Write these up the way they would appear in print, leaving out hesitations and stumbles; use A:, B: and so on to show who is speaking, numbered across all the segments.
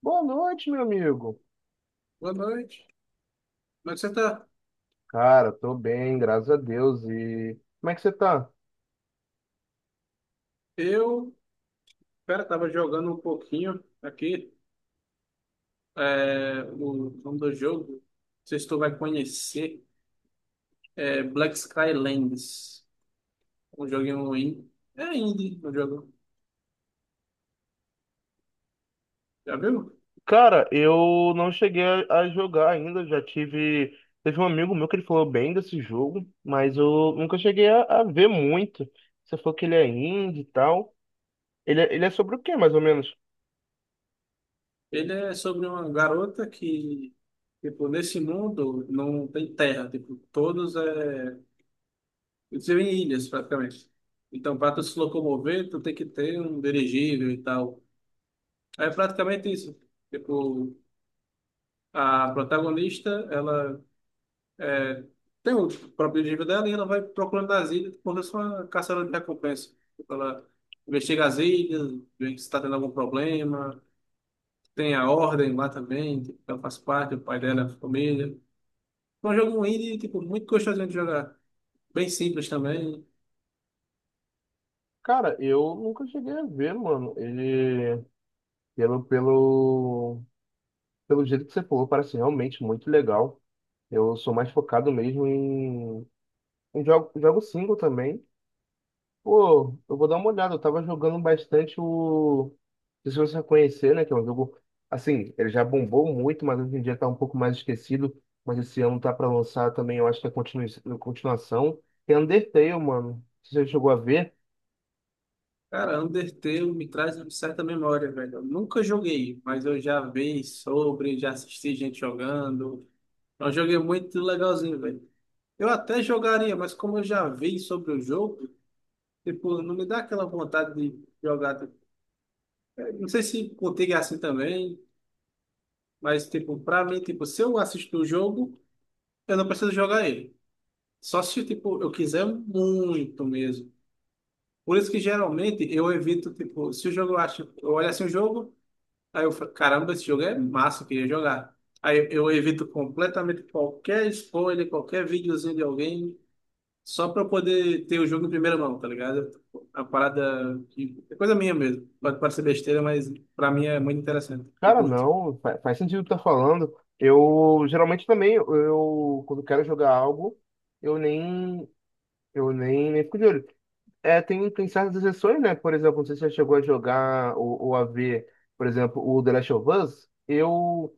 A: Boa noite, meu amigo.
B: Boa noite. Como é que você tá?
A: Cara, tô bem, graças a Deus. E como é que você tá?
B: Eu, cara, tava jogando um pouquinho aqui, o nome do jogo, não sei se tu vai conhecer, é Black Skylands, um joguinho indie, é indie o jogo, já viu?
A: Cara, eu não cheguei a jogar ainda. Já tive. Teve um amigo meu que ele falou bem desse jogo, mas eu nunca cheguei a ver muito. Você falou que ele é indie e tal. Ele é sobre o quê, mais ou menos?
B: Ele é sobre uma garota que, tipo, nesse mundo não tem terra, tipo, eles vivem em ilhas praticamente. Então, para tu se locomover, tu tem que ter um dirigível e tal. É praticamente isso, tipo. A protagonista, ela é, tem o próprio objetivo dela e ela vai procurando as ilhas quando é só caçadora de recompensa. Ela investiga as ilhas, vê se está tendo algum problema. Tem a Ordem lá também, que ela faz parte, o pai dela, a família. É um jogo indie, tipo, muito gostosinho de jogar. Bem simples também.
A: Cara, eu nunca cheguei a ver, mano. Ele, pelo, pelo, pelo jeito que você falou, parece realmente muito legal. Eu sou mais focado mesmo em jogo, jogo single também. Pô, eu vou dar uma olhada. Eu tava jogando bastante o. Não sei se você conhecer, né? Que é um jogo. Assim, ele já bombou muito, mas hoje em dia tá um pouco mais esquecido. Mas esse ano tá pra lançar também, eu acho que é continuação. É Undertale, mano. Você já chegou a ver?
B: Cara, Undertale me traz uma certa memória, velho. Eu nunca joguei, mas eu já vi sobre, já assisti gente jogando. É um jogo muito legalzinho, velho. Eu até jogaria, mas como eu já vi sobre o jogo, tipo, não me dá aquela vontade de jogar. Tipo, não sei se contigo é assim também, mas tipo, pra mim, tipo, se eu assisto o jogo, eu não preciso jogar ele. Só se tipo, eu quiser muito mesmo. Por isso que geralmente eu evito, tipo, se o jogo eu acho, eu olho assim o jogo, aí eu falo, caramba, esse jogo é massa, eu queria jogar. Aí eu evito completamente qualquer spoiler, qualquer videozinho de alguém. Só pra eu poder ter o jogo em primeira mão, tá ligado? A parada que é coisa minha mesmo. Pode parecer besteira, mas pra mim é muito interessante. Eu
A: Cara,
B: curto.
A: não. Faz sentido o que tá falando. Eu geralmente também, eu quando quero jogar algo, eu nem. Eu nem fico de olho. É, tem certas exceções, né? Por exemplo, não sei se você chegou a jogar ou a ver, por exemplo, o The Last of Us. Eu,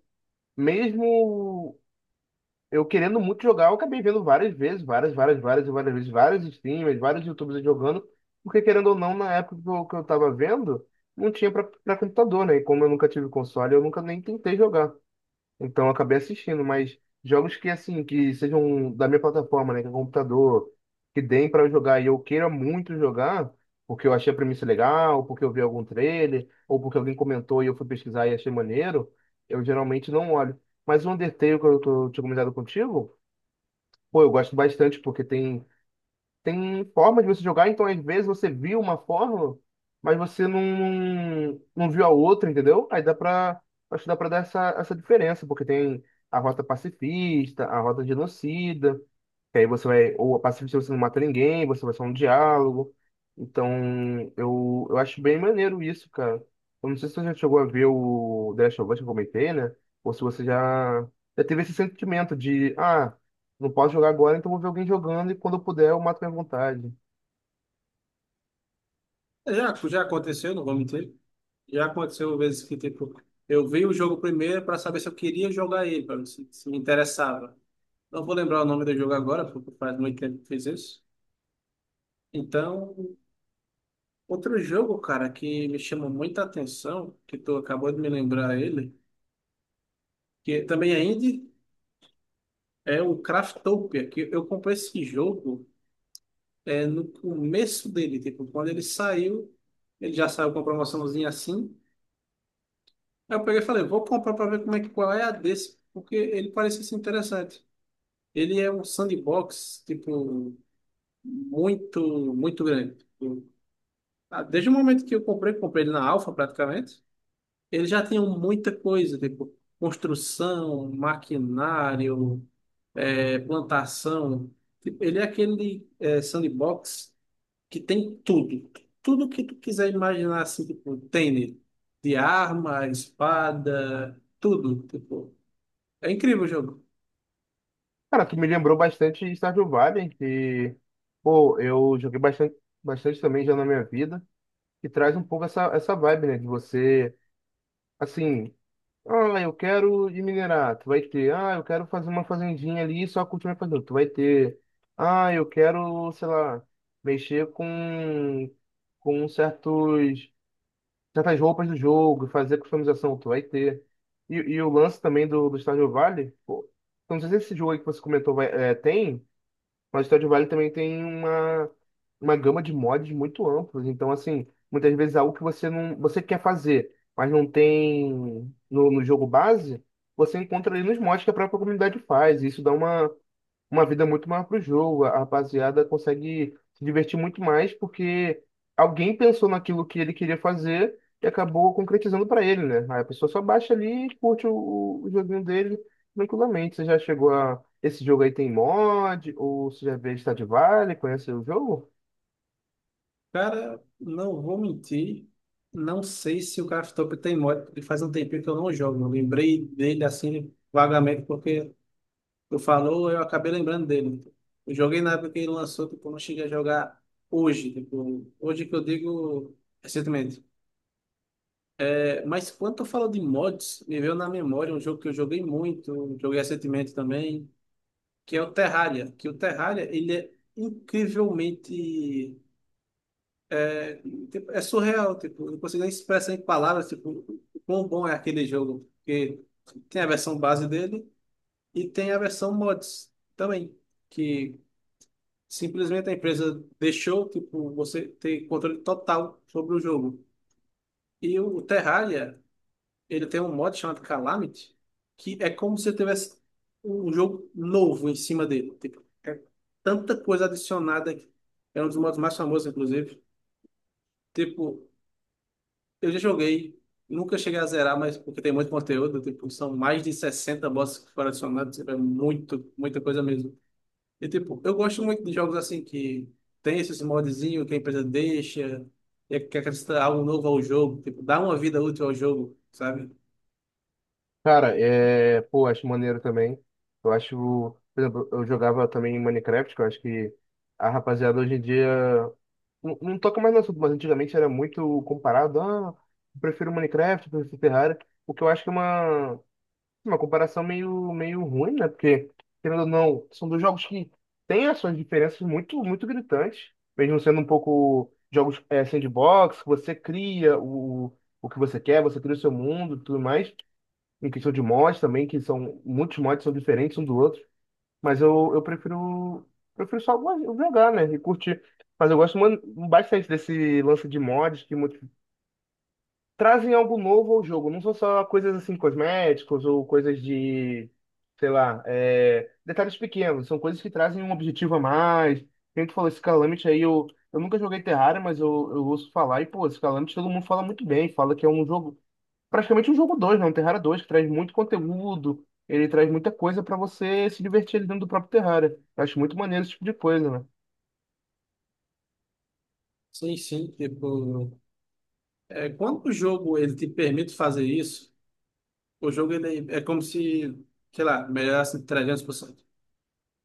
A: mesmo eu querendo muito jogar, eu acabei vendo várias vezes, várias, várias, várias, e várias vezes, vários streamers, vários YouTubers jogando, porque querendo ou não, na época que eu tava vendo, não tinha pra computador, né? E como eu nunca tive console, eu nunca nem tentei jogar. Então eu acabei assistindo, mas jogos que assim, que sejam da minha plataforma, né, que é computador, que deem para eu jogar e eu queira muito jogar, porque eu achei a premissa legal, porque eu vi algum trailer, ou porque alguém comentou e eu fui pesquisar e achei maneiro, eu geralmente não olho. Mas o Undertale que eu tinha comentado contigo, pô, eu gosto bastante porque tem formas de você jogar, então às vezes você viu uma fórmula, mas você não, não viu a outra, entendeu? Aí acho que dá pra dar essa diferença, porque tem a rota pacifista, a rota genocida, que aí você vai, ou a pacifista você não mata ninguém, você vai só um diálogo. Então, eu acho bem maneiro isso, cara. Eu não sei se você já chegou a ver o The Last of Us que eu comentei, né? Ou se você já teve esse sentimento de, ah, não posso jogar agora, então vou ver alguém jogando e quando eu puder eu mato minha vontade.
B: É, já, já aconteceu, não vou mentir. Já aconteceu vezes que tipo, eu vi o jogo primeiro pra saber se eu queria jogar ele, pra ver se, se me interessava. Não vou lembrar o nome do jogo agora, porque faz muito tempo que fiz isso. Então, outro jogo, cara, que me chama muita atenção, que tu acabou de me lembrar ele, que também é indie, é o Craftopia, que eu comprei esse jogo. No começo dele, tipo, quando ele saiu, ele já saiu com uma promoçãozinha assim. Aí eu peguei e falei, vou comprar para ver como é que qual é a desse, porque ele parecia ser interessante. Ele é um sandbox, tipo, muito, muito grande. Tipo, desde o momento que eu comprei, comprei ele na Alpha praticamente, ele já tinha muita coisa, tipo, construção, maquinário, plantação. Tipo, ele é aquele sandbox que tem tudo. Tudo que tu quiser imaginar, assim, tipo, tem nele. De arma, espada, tudo, tipo. É incrível o jogo.
A: Cara, tu me lembrou bastante Stardew Valley, que, pô, eu joguei bastante, bastante também já na minha vida, que traz um pouco essa vibe, né? De você. Assim, ah, eu quero de minerar, tu vai ter. Ah, eu quero fazer uma fazendinha ali e só cultivar e fazer, tu vai ter. Ah, eu quero, sei lá, mexer com certos, certas roupas do jogo, fazer customização, tu vai ter. E o lance também do Stardew Valley, pô, eu não sei se esse jogo aí que você comentou vai, é, tem, mas o Stardew Valley também tem uma gama de mods muito amplos. Então, assim, muitas vezes é algo que você quer fazer, mas não tem no, no jogo base, você encontra ali nos mods que a própria comunidade faz. E isso dá uma vida muito maior para o jogo. A rapaziada consegue se divertir muito mais porque alguém pensou naquilo que ele queria fazer e acabou concretizando para ele, né? Aí a pessoa só baixa ali e curte o joguinho dele tranquilamente. Você já chegou a. Esse jogo aí tem mod? Ou você já veio de Stardew Valley? Conhece o jogo?
B: Cara, não vou mentir. Não sei se o Craftopia tem mod, porque faz um tempinho que eu não jogo. Eu lembrei dele, assim, vagamente, porque tu falou, eu acabei lembrando dele. Eu joguei na época que ele lançou, tipo, eu não cheguei a jogar hoje, tipo, hoje que eu digo recentemente. Mas quando tu falou de mods, me veio na memória um jogo que eu joguei muito, joguei recentemente também, que é o Terraria. Que o Terraria, ele é incrivelmente. É, tipo, é surreal, tipo, eu não consigo nem expressar em palavras, tipo, o quão bom é aquele jogo. Porque tem a versão base dele e tem a versão mods também, que simplesmente a empresa deixou, tipo, você ter controle total sobre o jogo. E o Terraria. Ele tem um modo chamado Calamity, que é como se tivesse um jogo novo em cima dele. Tipo, é tanta coisa adicionada que é um dos modos mais famosos, inclusive. Tipo, eu já joguei, nunca cheguei a zerar, mas porque tem muito conteúdo, tipo, são mais de 60 bosses que foram adicionados, tipo, é muito, muita coisa mesmo. E tipo, eu gosto muito de jogos assim que tem esses modzinhos que a empresa deixa, e é que acrescenta algo novo ao jogo, tipo, dá uma vida útil ao jogo, sabe?
A: Cara, é. Pô, acho maneiro também. Eu acho. Por exemplo, eu jogava também Minecraft, que eu acho que a rapaziada hoje em dia não, não toca mais no assunto, mas antigamente era muito comparado. Ah, eu prefiro Minecraft, eu prefiro Ferrari. O que eu acho que é uma comparação meio ruim, né? Porque, querendo ou não, são dois jogos que têm as suas diferenças muito gritantes. Mesmo sendo um pouco jogos é, sandbox, você cria o que você quer, você cria o seu mundo e tudo mais. Em questão de mods também, que são muitos mods são diferentes um do outro. Mas eu prefiro, prefiro só jogar, né? E curtir. Mas eu gosto bastante desse lance de mods que trazem algo novo ao jogo. Não são só coisas assim cosméticos ou coisas de, sei lá, é, detalhes pequenos. São coisas que trazem um objetivo a mais. Quem tu falou esse Calamity aí, eu nunca joguei Terraria, mas eu ouço falar. E, pô, esse Calamity todo mundo fala muito bem. Fala que é um jogo praticamente um jogo dois, né? Um Terraria 2 que traz muito conteúdo, ele traz muita coisa pra você se divertir ali dentro do próprio Terraria. Eu acho muito maneiro esse tipo de coisa, né?
B: Sim, sim, tipo. É, quando o jogo ele te permite fazer isso, o jogo ele é como se, sei lá, melhorasse 300%.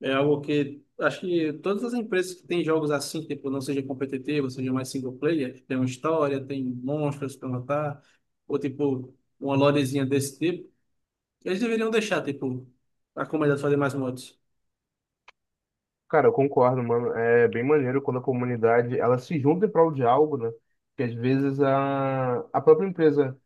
B: É algo que acho que todas as empresas que têm jogos assim, tipo, não seja competitivo, seja mais single player, que tem uma história, tem monstros para matar, ou tipo, uma lorezinha desse tipo, eles deveriam deixar, tipo, a comunidade fazer mais mods.
A: Cara, eu concordo, mano. É bem maneiro quando a comunidade ela se junta em prol de algo, né? Que às vezes a própria empresa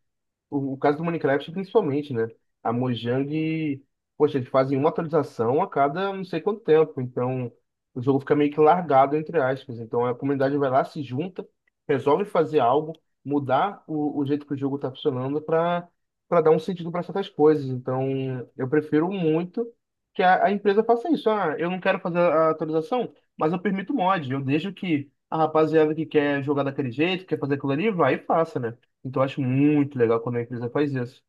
A: O caso do Minecraft, principalmente, né? A Mojang, poxa, eles fazem uma atualização a cada não sei quanto tempo. Então, o jogo fica meio que largado, entre aspas. Então, a comunidade vai lá, se junta, resolve fazer algo, mudar o jeito que o jogo está funcionando para para dar um sentido para certas coisas. Então, eu prefiro muito que a empresa faça isso. Ah, eu não quero fazer a atualização, mas eu permito mod. Eu deixo que a rapaziada que quer jogar daquele jeito, quer fazer aquilo ali, vai e faça, né? Então eu acho muito legal quando a empresa faz isso.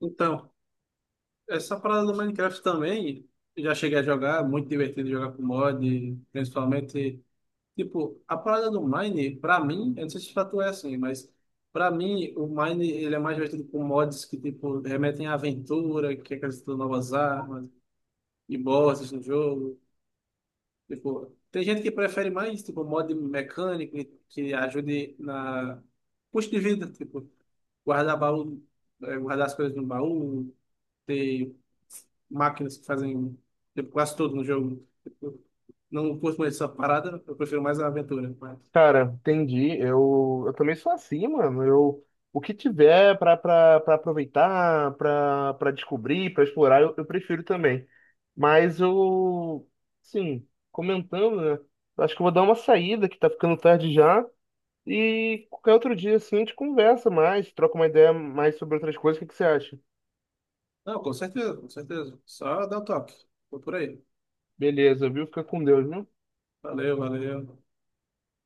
B: Então, essa parada do Minecraft também, eu já cheguei a jogar, muito divertido jogar com mod, principalmente. Tipo, a parada do Mine, pra mim, eu não sei se pra tu é assim, mas pra mim, o Mine, ele é mais divertido com mods que, tipo, remetem à aventura, que acrescentam novas armas e bosses no jogo. Tipo, tem gente que prefere mais, tipo, mod mecânico que ajude na custo de vida, tipo, guardar baú, guardar as coisas no baú, ter máquinas que fazem, tipo, quase tudo no jogo. Tipo, não curto mais essa parada, eu prefiro mais a aventura. Mas.
A: Cara, entendi. Eu também sou assim, mano. Eu, o que tiver pra pra aproveitar, pra pra descobrir, pra explorar, eu prefiro também. Mas eu, sim, comentando, né? eu Acho que eu vou dar uma saída, que tá ficando tarde já. E qualquer outro dia, assim, a gente conversa mais, troca uma ideia mais sobre outras coisas. O que que você acha?
B: Não, com certeza, com certeza. Só dá o toque. Tô por aí.
A: Beleza, viu? Fica com Deus, viu?
B: Valeu, valeu.